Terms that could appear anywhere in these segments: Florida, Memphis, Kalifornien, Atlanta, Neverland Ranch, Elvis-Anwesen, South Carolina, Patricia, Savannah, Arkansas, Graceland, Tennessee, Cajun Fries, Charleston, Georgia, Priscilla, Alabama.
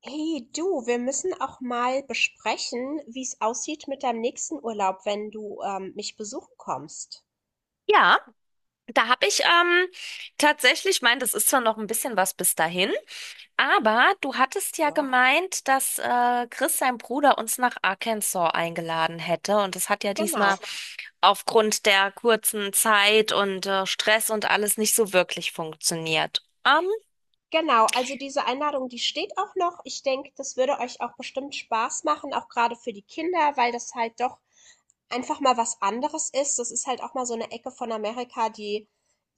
Hey du, wir müssen auch mal besprechen, wie es aussieht mit deinem nächsten Urlaub, wenn du mich besuchen kommst. Ja, da habe ich tatsächlich meint, das ist zwar noch ein bisschen was bis dahin, aber du hattest ja Ja. gemeint, dass Chris, sein Bruder, uns nach Arkansas eingeladen hätte. Und das hat ja Genau. diesmal aufgrund der kurzen Zeit und Stress und alles nicht so wirklich funktioniert. Genau, also diese Einladung, die steht auch noch. Ich denke, das würde euch auch bestimmt Spaß machen, auch gerade für die Kinder, weil das halt doch einfach mal was anderes ist. Das ist halt auch mal so eine Ecke von Amerika, die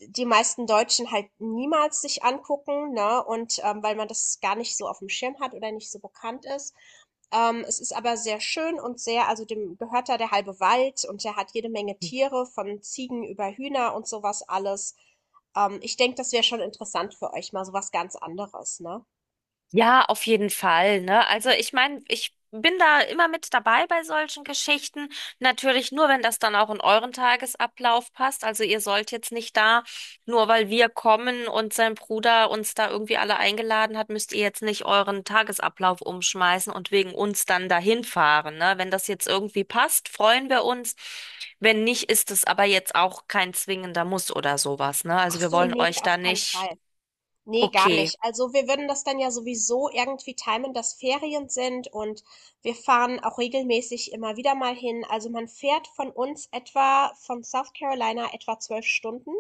die meisten Deutschen halt niemals sich angucken, ne? Und weil man das gar nicht so auf dem Schirm hat oder nicht so bekannt ist. Es ist aber sehr schön und sehr, also dem gehört da der halbe Wald, und der hat jede Menge Tiere, von Ziegen über Hühner und sowas alles. Ich denke, das wäre schon interessant für euch, mal so was ganz anderes, ne? Ja, auf jeden Fall, ne? Also ich meine, ich bin da immer mit dabei bei solchen Geschichten. Natürlich nur, wenn das dann auch in euren Tagesablauf passt. Also ihr sollt jetzt nicht da, nur weil wir kommen und sein Bruder uns da irgendwie alle eingeladen hat, müsst ihr jetzt nicht euren Tagesablauf umschmeißen und wegen uns dann dahin fahren, ne? Wenn das jetzt irgendwie passt, freuen wir uns. Wenn nicht, ist es aber jetzt auch kein zwingender Muss oder sowas, ne? Also Ach wir so, wollen nee, euch da auf keinen nicht, Fall. Nee, gar okay. nicht. Also wir würden das dann ja sowieso irgendwie timen, dass Ferien sind, und wir fahren auch regelmäßig immer wieder mal hin. Also man fährt von uns etwa von South Carolina etwa 12 Stunden.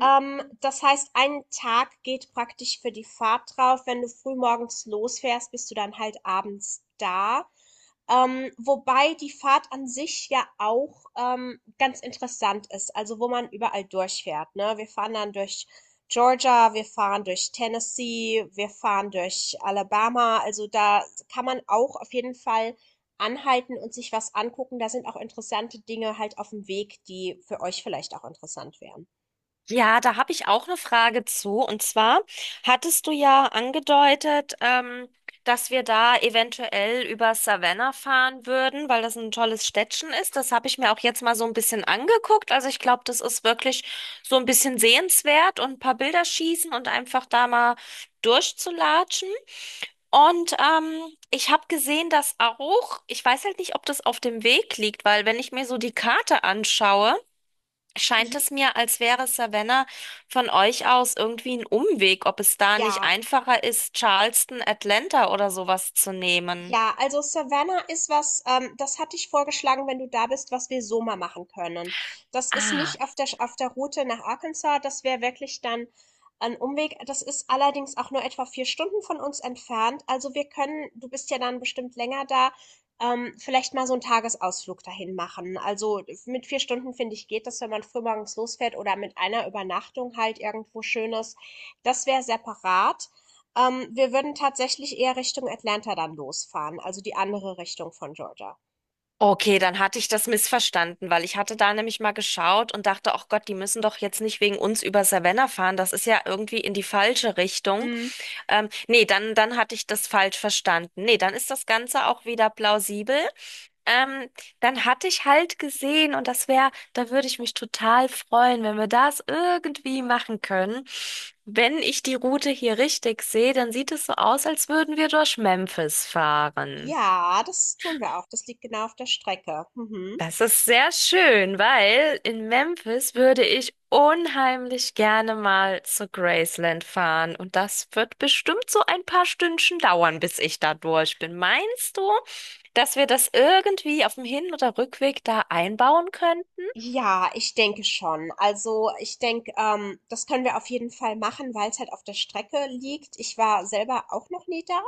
Das heißt, ein Tag geht praktisch für die Fahrt drauf. Wenn du früh morgens losfährst, bist du dann halt abends da. Wobei die Fahrt an sich ja auch ganz interessant ist, also wo man überall durchfährt, ne? Wir fahren dann durch Georgia, wir fahren durch Tennessee, wir fahren durch Alabama, also da kann man auch auf jeden Fall anhalten und sich was angucken. Da sind auch interessante Dinge halt auf dem Weg, die für euch vielleicht auch interessant wären. Ja, da habe ich auch eine Frage zu. Und zwar hattest du ja angedeutet, dass wir da eventuell über Savannah fahren würden, weil das ein tolles Städtchen ist. Das habe ich mir auch jetzt mal so ein bisschen angeguckt. Also ich glaube, das ist wirklich so ein bisschen sehenswert und ein paar Bilder schießen und einfach da mal durchzulatschen. Und ich habe gesehen, dass auch, ich weiß halt nicht, ob das auf dem Weg liegt, weil wenn ich mir so die Karte anschaue, scheint Mhm. es mir, als wäre Savannah von euch aus irgendwie ein Umweg, ob es da nicht Ja. einfacher ist, Charleston, Atlanta oder sowas zu nehmen. Ja, also Savannah ist was, das hatte ich vorgeschlagen, wenn du da bist, was wir so mal machen können. Das ist Ah. nicht auf der Route nach Arkansas, das wäre wirklich dann ein Umweg. Das ist allerdings auch nur etwa 4 Stunden von uns entfernt. Also wir können, du bist ja dann bestimmt länger da, vielleicht mal so einen Tagesausflug dahin machen. Also mit 4 Stunden, finde ich, geht das, wenn man frühmorgens losfährt oder mit einer Übernachtung halt irgendwo Schönes. Das wäre separat. Wir würden tatsächlich eher Richtung Atlanta dann losfahren, also die andere Richtung von Georgia. Okay, dann hatte ich das missverstanden, weil ich hatte da nämlich mal geschaut und dachte, ach Gott, die müssen doch jetzt nicht wegen uns über Savannah fahren. Das ist ja irgendwie in die falsche Richtung. Mm. Nee, dann hatte ich das falsch verstanden. Nee, dann ist das Ganze auch wieder plausibel. Ähm, dann hatte ich halt gesehen und das wäre, da würde ich mich total freuen, wenn wir das irgendwie machen können. Wenn ich die Route hier richtig sehe, dann sieht es so aus, als würden wir durch Memphis fahren. Ja, das tun wir auch. Das liegt genau auf der Strecke. Mhm. Das ist sehr schön, weil in Memphis würde ich unheimlich gerne mal zu Graceland fahren. Und das wird bestimmt so ein paar Stündchen dauern, bis ich da durch bin. Meinst du, dass wir das irgendwie auf dem Hin- oder Rückweg da einbauen könnten? Ja, ich denke schon. Also ich denke, das können wir auf jeden Fall machen, weil es halt auf der Strecke liegt. Ich war selber auch noch nie da.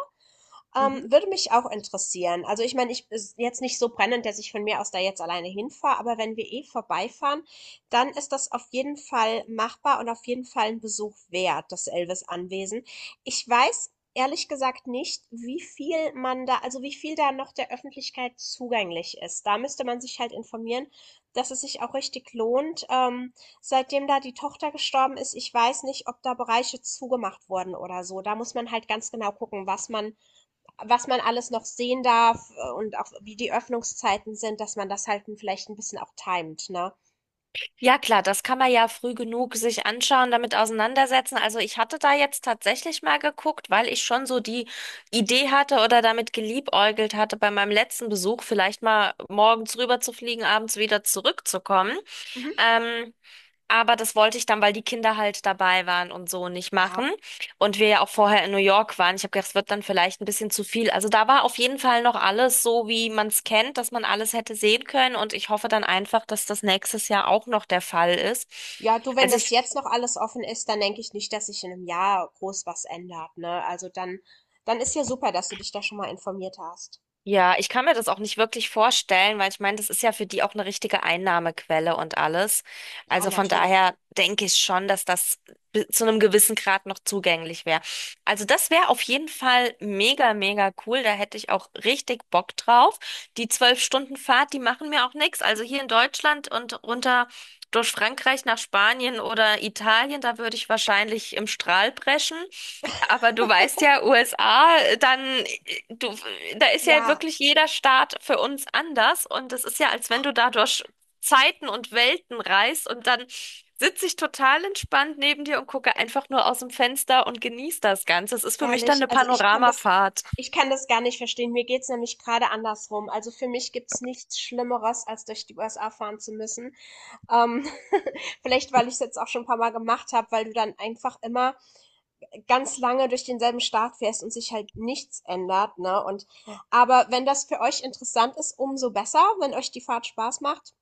Würde mich auch interessieren. Also ich meine, ich ist jetzt nicht so brennend, dass ich von mir aus da jetzt alleine hinfahre, aber wenn wir eh vorbeifahren, dann ist das auf jeden Fall machbar und auf jeden Fall ein Besuch wert, das Elvis-Anwesen. Ich weiß ehrlich gesagt nicht, wie viel man da, also wie viel da noch der Öffentlichkeit zugänglich ist. Da müsste man sich halt informieren, dass es sich auch richtig lohnt. Seitdem da die Tochter gestorben ist, ich weiß nicht, ob da Bereiche zugemacht wurden oder so. Da muss man halt ganz genau gucken, was man alles noch sehen darf, und auch wie die Öffnungszeiten sind, dass man das halt vielleicht ein bisschen auch timet, ne? Ja, klar, das kann man ja früh genug sich anschauen, damit auseinandersetzen. Also ich hatte da jetzt tatsächlich mal geguckt, weil ich schon so die Idee hatte oder damit geliebäugelt hatte, bei meinem letzten Besuch vielleicht mal morgens rüber zu fliegen, abends wieder zurückzukommen. Mhm. Ähm, aber das wollte ich dann, weil die Kinder halt dabei waren und so nicht Ja. machen. Und wir ja auch vorher in New York waren. Ich habe gedacht, es wird dann vielleicht ein bisschen zu viel. Also da war auf jeden Fall noch alles so, wie man es kennt, dass man alles hätte sehen können. Und ich hoffe dann einfach, dass das nächstes Jahr auch noch der Fall ist. Ja, du, wenn Also das ich jetzt noch alles offen ist, dann denke ich nicht, dass sich in einem Jahr groß was ändert, ne? Also dann ist ja super, dass du dich da schon mal informiert hast. Ja, ich kann mir das auch nicht wirklich vorstellen, weil ich meine, das ist ja für die auch eine richtige Einnahmequelle und alles. Ja, Also von natürlich. daher denke ich schon, dass das zu einem gewissen Grad noch zugänglich wäre. Also das wäre auf jeden Fall mega, mega cool. Da hätte ich auch richtig Bock drauf. Die 12 Stunden Fahrt, die machen mir auch nichts. Also hier in Deutschland und runter durch Frankreich nach Spanien oder Italien, da würde ich wahrscheinlich im Strahl brechen. Aber du weißt ja, USA, dann, du, da ist ja Ja, wirklich jeder Staat für uns anders und es ist ja, als wenn du da durch Zeiten und Welten reist und dann sitze ich total entspannt neben dir und gucke einfach nur aus dem Fenster und genieße das Ganze. Es ist für mich dann ehrlich, eine also Panoramafahrt. ich kann das gar nicht verstehen. Mir geht's nämlich gerade andersrum. Also für mich gibt's nichts Schlimmeres, als durch die USA fahren zu müssen. Ähm, Vielleicht, weil ich es jetzt auch schon ein paar Mal gemacht habe, weil du dann einfach immer ganz lange durch denselben Start fährst und sich halt nichts ändert, ne? Und aber wenn das für euch interessant ist, umso besser, wenn euch die Fahrt Spaß macht.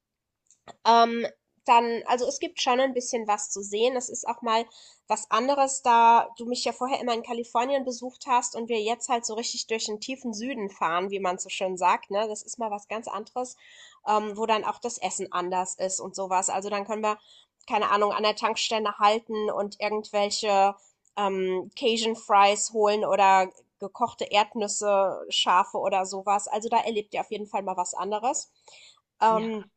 Ähm, Dann, also es gibt schon ein bisschen was zu sehen. Es ist auch mal was anderes, da du mich ja vorher immer in Kalifornien besucht hast und wir jetzt halt so richtig durch den tiefen Süden fahren, wie man so schön sagt, ne? Das ist mal was ganz anderes, wo dann auch das Essen anders ist und sowas. Also dann können wir, keine Ahnung, an der Tankstelle halten und irgendwelche Cajun Fries holen oder gekochte Erdnüsse, Schafe oder sowas. Also da erlebt ihr auf jeden Fall mal was anderes. Ja. Ähm,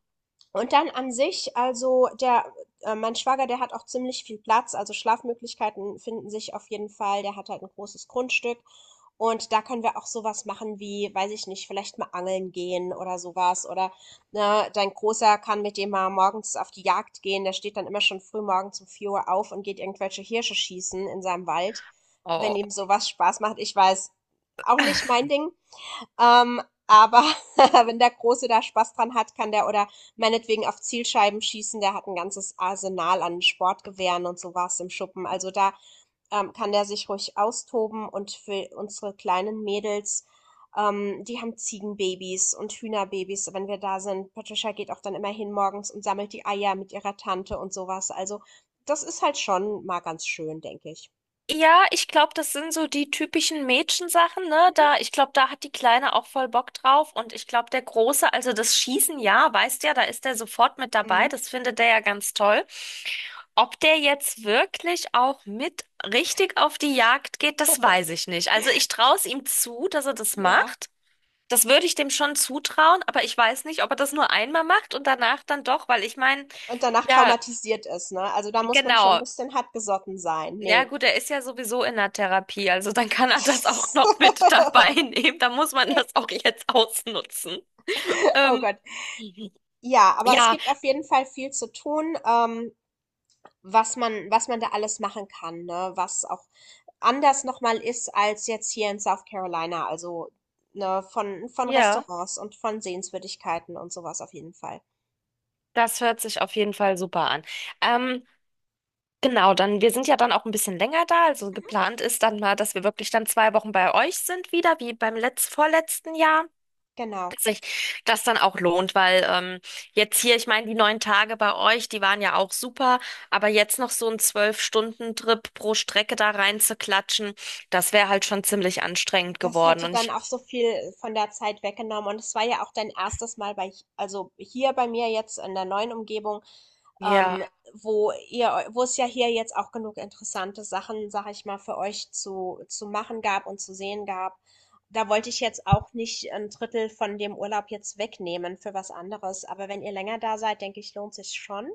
und dann an sich, also mein Schwager, der hat auch ziemlich viel Platz, also Schlafmöglichkeiten finden sich auf jeden Fall. Der hat halt ein großes Grundstück, und da können wir auch sowas machen wie, weiß ich nicht, vielleicht mal angeln gehen oder sowas. Oder ne, dein Großer kann mit dem mal morgens auf die Jagd gehen. Der steht dann immer schon früh morgens um 4 Uhr auf und geht irgendwelche Hirsche schießen in seinem Wald, wenn Oh. ihm sowas Spaß macht. Ich weiß, auch nicht mein Ding. Ähm, aber wenn der Große da Spaß dran hat, kann der oder meinetwegen auf Zielscheiben schießen, der hat ein ganzes Arsenal an Sportgewehren und sowas im Schuppen. Also da kann der sich ruhig austoben, und für unsere kleinen Mädels, die haben Ziegenbabys und Hühnerbabys, wenn wir da sind. Patricia geht auch dann immer hin morgens und sammelt die Eier mit ihrer Tante und sowas. Also das ist halt schon mal ganz schön, denke ich. Ja, ich glaube, das sind so die typischen Mädchensachen, ne? Mhm. Da, ich glaube, da hat die Kleine auch voll Bock drauf. Und ich glaube, der Große, also das Schießen, ja, weißt ja, da ist der sofort mit dabei. Mhm. Das findet der ja ganz toll. Ob der jetzt wirklich auch mit richtig auf die Jagd geht, das weiß ich nicht. Also ich traue es ihm zu, dass er das Ja. macht. Das würde ich dem schon zutrauen, aber ich weiß nicht, ob er das nur einmal macht und danach dann doch, weil ich meine, Und danach ja, traumatisiert ist, ne? Also da muss man schon ein genau. bisschen hartgesotten sein. Ja, Nee. gut, er ist ja sowieso in der Therapie, also dann kann er das auch noch mit dabei nehmen. Da muss man Nee. das auch jetzt ausnutzen. Oh Ähm, Gott. Ja, aber es ja, gibt auf jeden Fall viel zu tun, was man da alles machen kann, ne? Was auch anders nochmal ist als jetzt hier in South Carolina. Also, ne, von ja, Restaurants und von Sehenswürdigkeiten und sowas auf jeden Fall. das hört sich auf jeden Fall super an. Ähm, genau, dann, wir sind ja dann auch ein bisschen länger da. Also geplant ist dann mal, dass wir wirklich dann 2 Wochen bei euch sind wieder, wie beim letz vorletzten Jahr. Genau. Sich das dann auch lohnt, weil jetzt hier, ich meine, die 9 Tage bei euch, die waren ja auch super, aber jetzt noch so ein 12-Stunden-Trip pro Strecke da rein zu klatschen, das wäre halt schon ziemlich anstrengend Das geworden. hätte Und dann ich, auch so viel von der Zeit weggenommen. Und es war ja auch dein erstes Mal bei, also hier bei mir jetzt in der neuen Umgebung, ja, ähm, wo es ja hier jetzt auch genug interessante Sachen, sag ich mal, für euch zu machen gab und zu sehen gab. Da wollte ich jetzt auch nicht ein Drittel von dem Urlaub jetzt wegnehmen für was anderes. Aber wenn ihr länger da seid, denke ich, lohnt sich schon.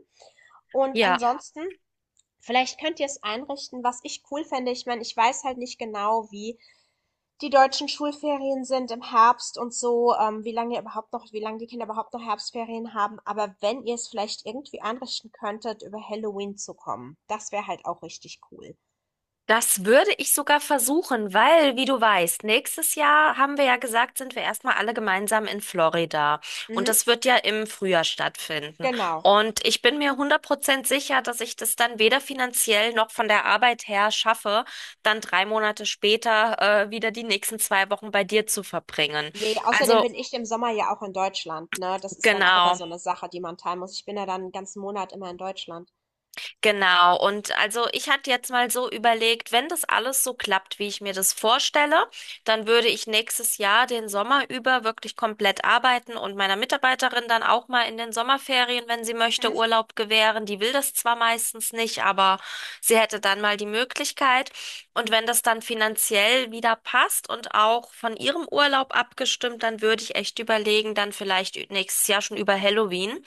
Und ja, ja. ansonsten, vielleicht könnt ihr es einrichten, was ich cool fände. Ich meine, ich weiß halt nicht genau, wie. Die deutschen Schulferien sind im Herbst und so, wie lange ihr überhaupt noch, wie lange die Kinder überhaupt noch Herbstferien haben. Aber wenn ihr es vielleicht irgendwie anrichten könntet, über Halloween zu kommen, das wäre halt auch richtig cool. Das würde ich sogar versuchen, weil, wie du weißt, nächstes Jahr haben wir ja gesagt, sind wir erstmal alle gemeinsam in Florida. Und Mhm, das wird ja im Frühjahr stattfinden. genau. Und ich bin mir 100% sicher, dass ich das dann weder finanziell noch von der Arbeit her schaffe, dann 3 Monate später, wieder die nächsten 2 Wochen bei dir zu verbringen. Ne, außerdem Also, bin ich im Sommer ja auch in Deutschland, ne? Das ist dann auch immer so genau. eine Sache, die man teilen muss. Ich bin ja dann einen ganzen Monat immer in Deutschland. Genau, und also ich hatte jetzt mal so überlegt, wenn das alles so klappt, wie ich mir das vorstelle, dann würde ich nächstes Jahr den Sommer über wirklich komplett arbeiten und meiner Mitarbeiterin dann auch mal in den Sommerferien, wenn sie möchte, Mhm. Urlaub gewähren. Die will das zwar meistens nicht, aber sie hätte dann mal die Möglichkeit. Und wenn das dann finanziell wieder passt und auch von ihrem Urlaub abgestimmt, dann würde ich echt überlegen, dann vielleicht nächstes Jahr schon über Halloween.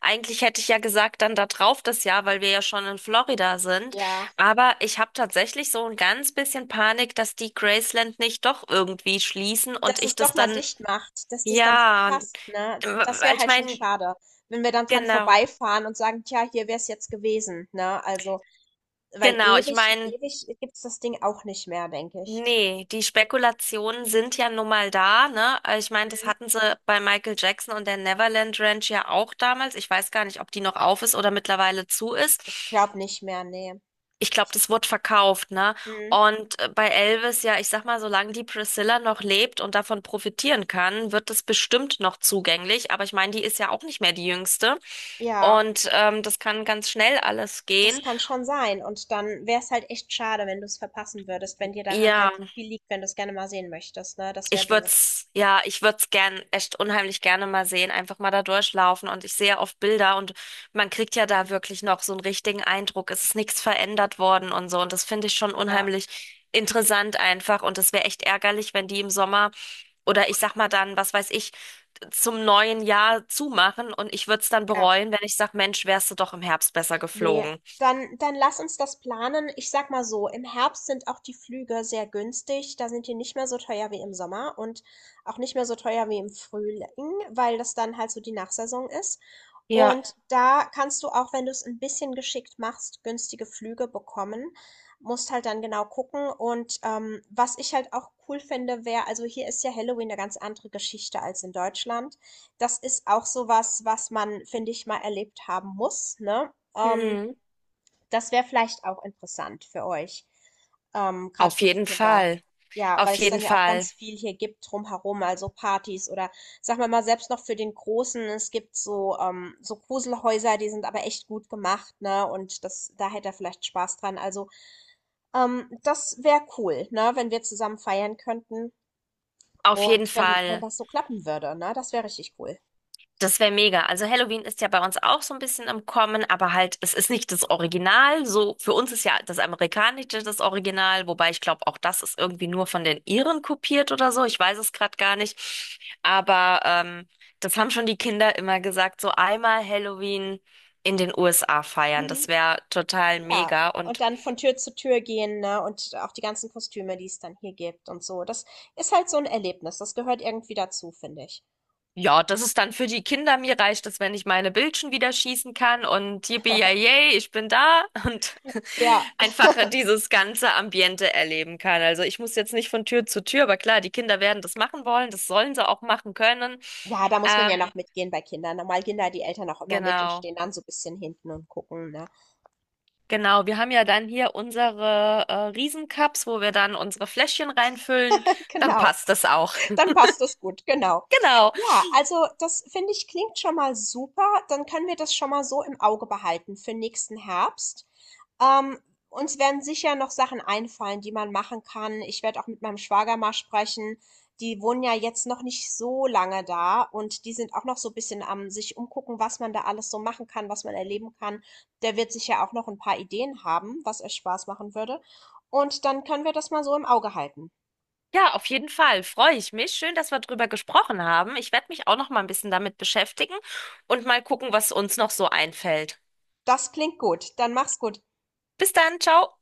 Eigentlich hätte ich ja gesagt, dann da drauf das Jahr, weil wir ja schon in Florida sind. Ja, Aber ich habe tatsächlich so ein ganz bisschen Panik, dass die Graceland nicht doch irgendwie schließen dass und ich es doch das mal dann, dicht macht, dass du es dann ja, verpasst, ne? Das wäre weil ich halt schon meine, schade, wenn wir dann dran genau, vorbeifahren und sagen: „Tja, hier wäre es jetzt gewesen“, ne? Also weil genau, ich ewig, meine, ewig gibt's das Ding auch nicht mehr, denke ich. nee, die Spekulationen sind ja nun mal da, ne? Also ich meine, das Mhm. hatten sie bei Michael Jackson und der Neverland Ranch ja auch damals. Ich weiß gar nicht, ob die noch auf ist oder mittlerweile zu ist. Ich glaube nicht mehr, nee. Ich glaube, das wird verkauft, ne? Mhm. Und bei Elvis, ja, ich sag mal, solange die Priscilla noch lebt und davon profitieren kann, wird das bestimmt noch zugänglich. Aber ich meine, die ist ja auch nicht mehr die Jüngste. Ja, Und das kann ganz schnell alles das gehen. kann schon sein. Und dann wäre es halt echt schade, wenn du es verpassen würdest, wenn dir daran Ja, halt so viel liegt, wenn du es gerne mal sehen möchtest, ne? Das wäre ich doof. würd's, ja, ich würd's gern, echt unheimlich gerne mal sehen, einfach mal da durchlaufen. Und ich sehe ja oft Bilder und man kriegt ja Mhm. da wirklich noch so einen richtigen Eindruck. Es ist nichts verändert worden und so. Und das finde ich schon Ja, unheimlich interessant einfach. Und es wäre echt ärgerlich, wenn die im Sommer oder ich sag mal dann, was weiß ich, zum neuen Jahr zumachen. Und ich würd's dann ja. bereuen, wenn ich sag, Mensch, wärst du doch im Herbst besser Nee. geflogen. Dann lass uns das planen. Ich sag mal so, im Herbst sind auch die Flüge sehr günstig. Da sind die nicht mehr so teuer wie im Sommer und auch nicht mehr so teuer wie im Frühling, weil das dann halt so die Nachsaison ist. Ja. Und da kannst du auch, wenn du es ein bisschen geschickt machst, günstige Flüge bekommen. Musst halt dann genau gucken, und was ich halt auch cool finde, wäre, also hier ist ja Halloween eine ganz andere Geschichte als in Deutschland. Das ist auch so was, was man, finde ich, mal erlebt haben muss, ne? Mhm. Das wäre vielleicht auch interessant für euch, gerade Auf für die jeden Kinder. Fall. Ja, Auf weil es jeden dann ja auch Fall. ganz viel hier gibt drumherum, also Partys oder, sagen wir mal, selbst noch für den Großen, es gibt so Gruselhäuser, die sind aber echt gut gemacht, ne? Und das, da hätte er vielleicht Spaß dran. Also das wäre cool, ne? Wenn wir zusammen feiern könnten, Auf jeden und wenn Fall. das so klappen würde, ne? Das wäre richtig cool. Das wäre mega. Also Halloween ist ja bei uns auch so ein bisschen im Kommen, aber halt, es ist nicht das Original. So, für uns ist ja das Amerikanische das Original, wobei ich glaube, auch das ist irgendwie nur von den Iren kopiert oder so. Ich weiß es gerade gar nicht. Aber das haben schon die Kinder immer gesagt, so einmal Halloween in den USA feiern. Das Mhm. wäre total Ja, mega. und Und dann von Tür zu Tür gehen, ne? Und auch die ganzen Kostüme, die es dann hier gibt und so. Das ist halt so ein Erlebnis. Das gehört irgendwie dazu, finde ich. ja, das ist dann für die Kinder. Mir reicht es, wenn ich meine Bildchen wieder schießen kann und yippie yay, ich bin da und Ja. einfach dieses ganze Ambiente erleben kann. Also ich muss jetzt nicht von Tür zu Tür, aber klar, die Kinder werden das machen wollen, das sollen sie auch machen können. Ja, da muss man ja noch Ähm, mitgehen bei Kindern. Normal gehen da die Eltern auch immer mit und genau. stehen dann so ein bisschen hinten und gucken, ne? Genau, wir haben ja dann hier unsere Riesencups, wo wir dann unsere Fläschchen reinfüllen. Dann Genau. passt das auch. Dann passt das gut, genau. Genau. Ja, also das finde ich klingt schon mal super. Dann können wir das schon mal so im Auge behalten für nächsten Herbst. Ähm, Uns werden sicher noch Sachen einfallen, die man machen kann. Ich werde auch mit meinem Schwager mal sprechen. Die wohnen ja jetzt noch nicht so lange da, und die sind auch noch so ein bisschen am sich umgucken, was man da alles so machen kann, was man erleben kann. Der wird sicher auch noch ein paar Ideen haben, was euch Spaß machen würde. Und dann können wir das mal so im Auge halten. Ja, auf jeden Fall. Freue ich mich. Schön, dass wir drüber gesprochen haben. Ich werde mich auch noch mal ein bisschen damit beschäftigen und mal gucken, was uns noch so einfällt. Das klingt gut. Dann mach's gut. Bis dann, ciao.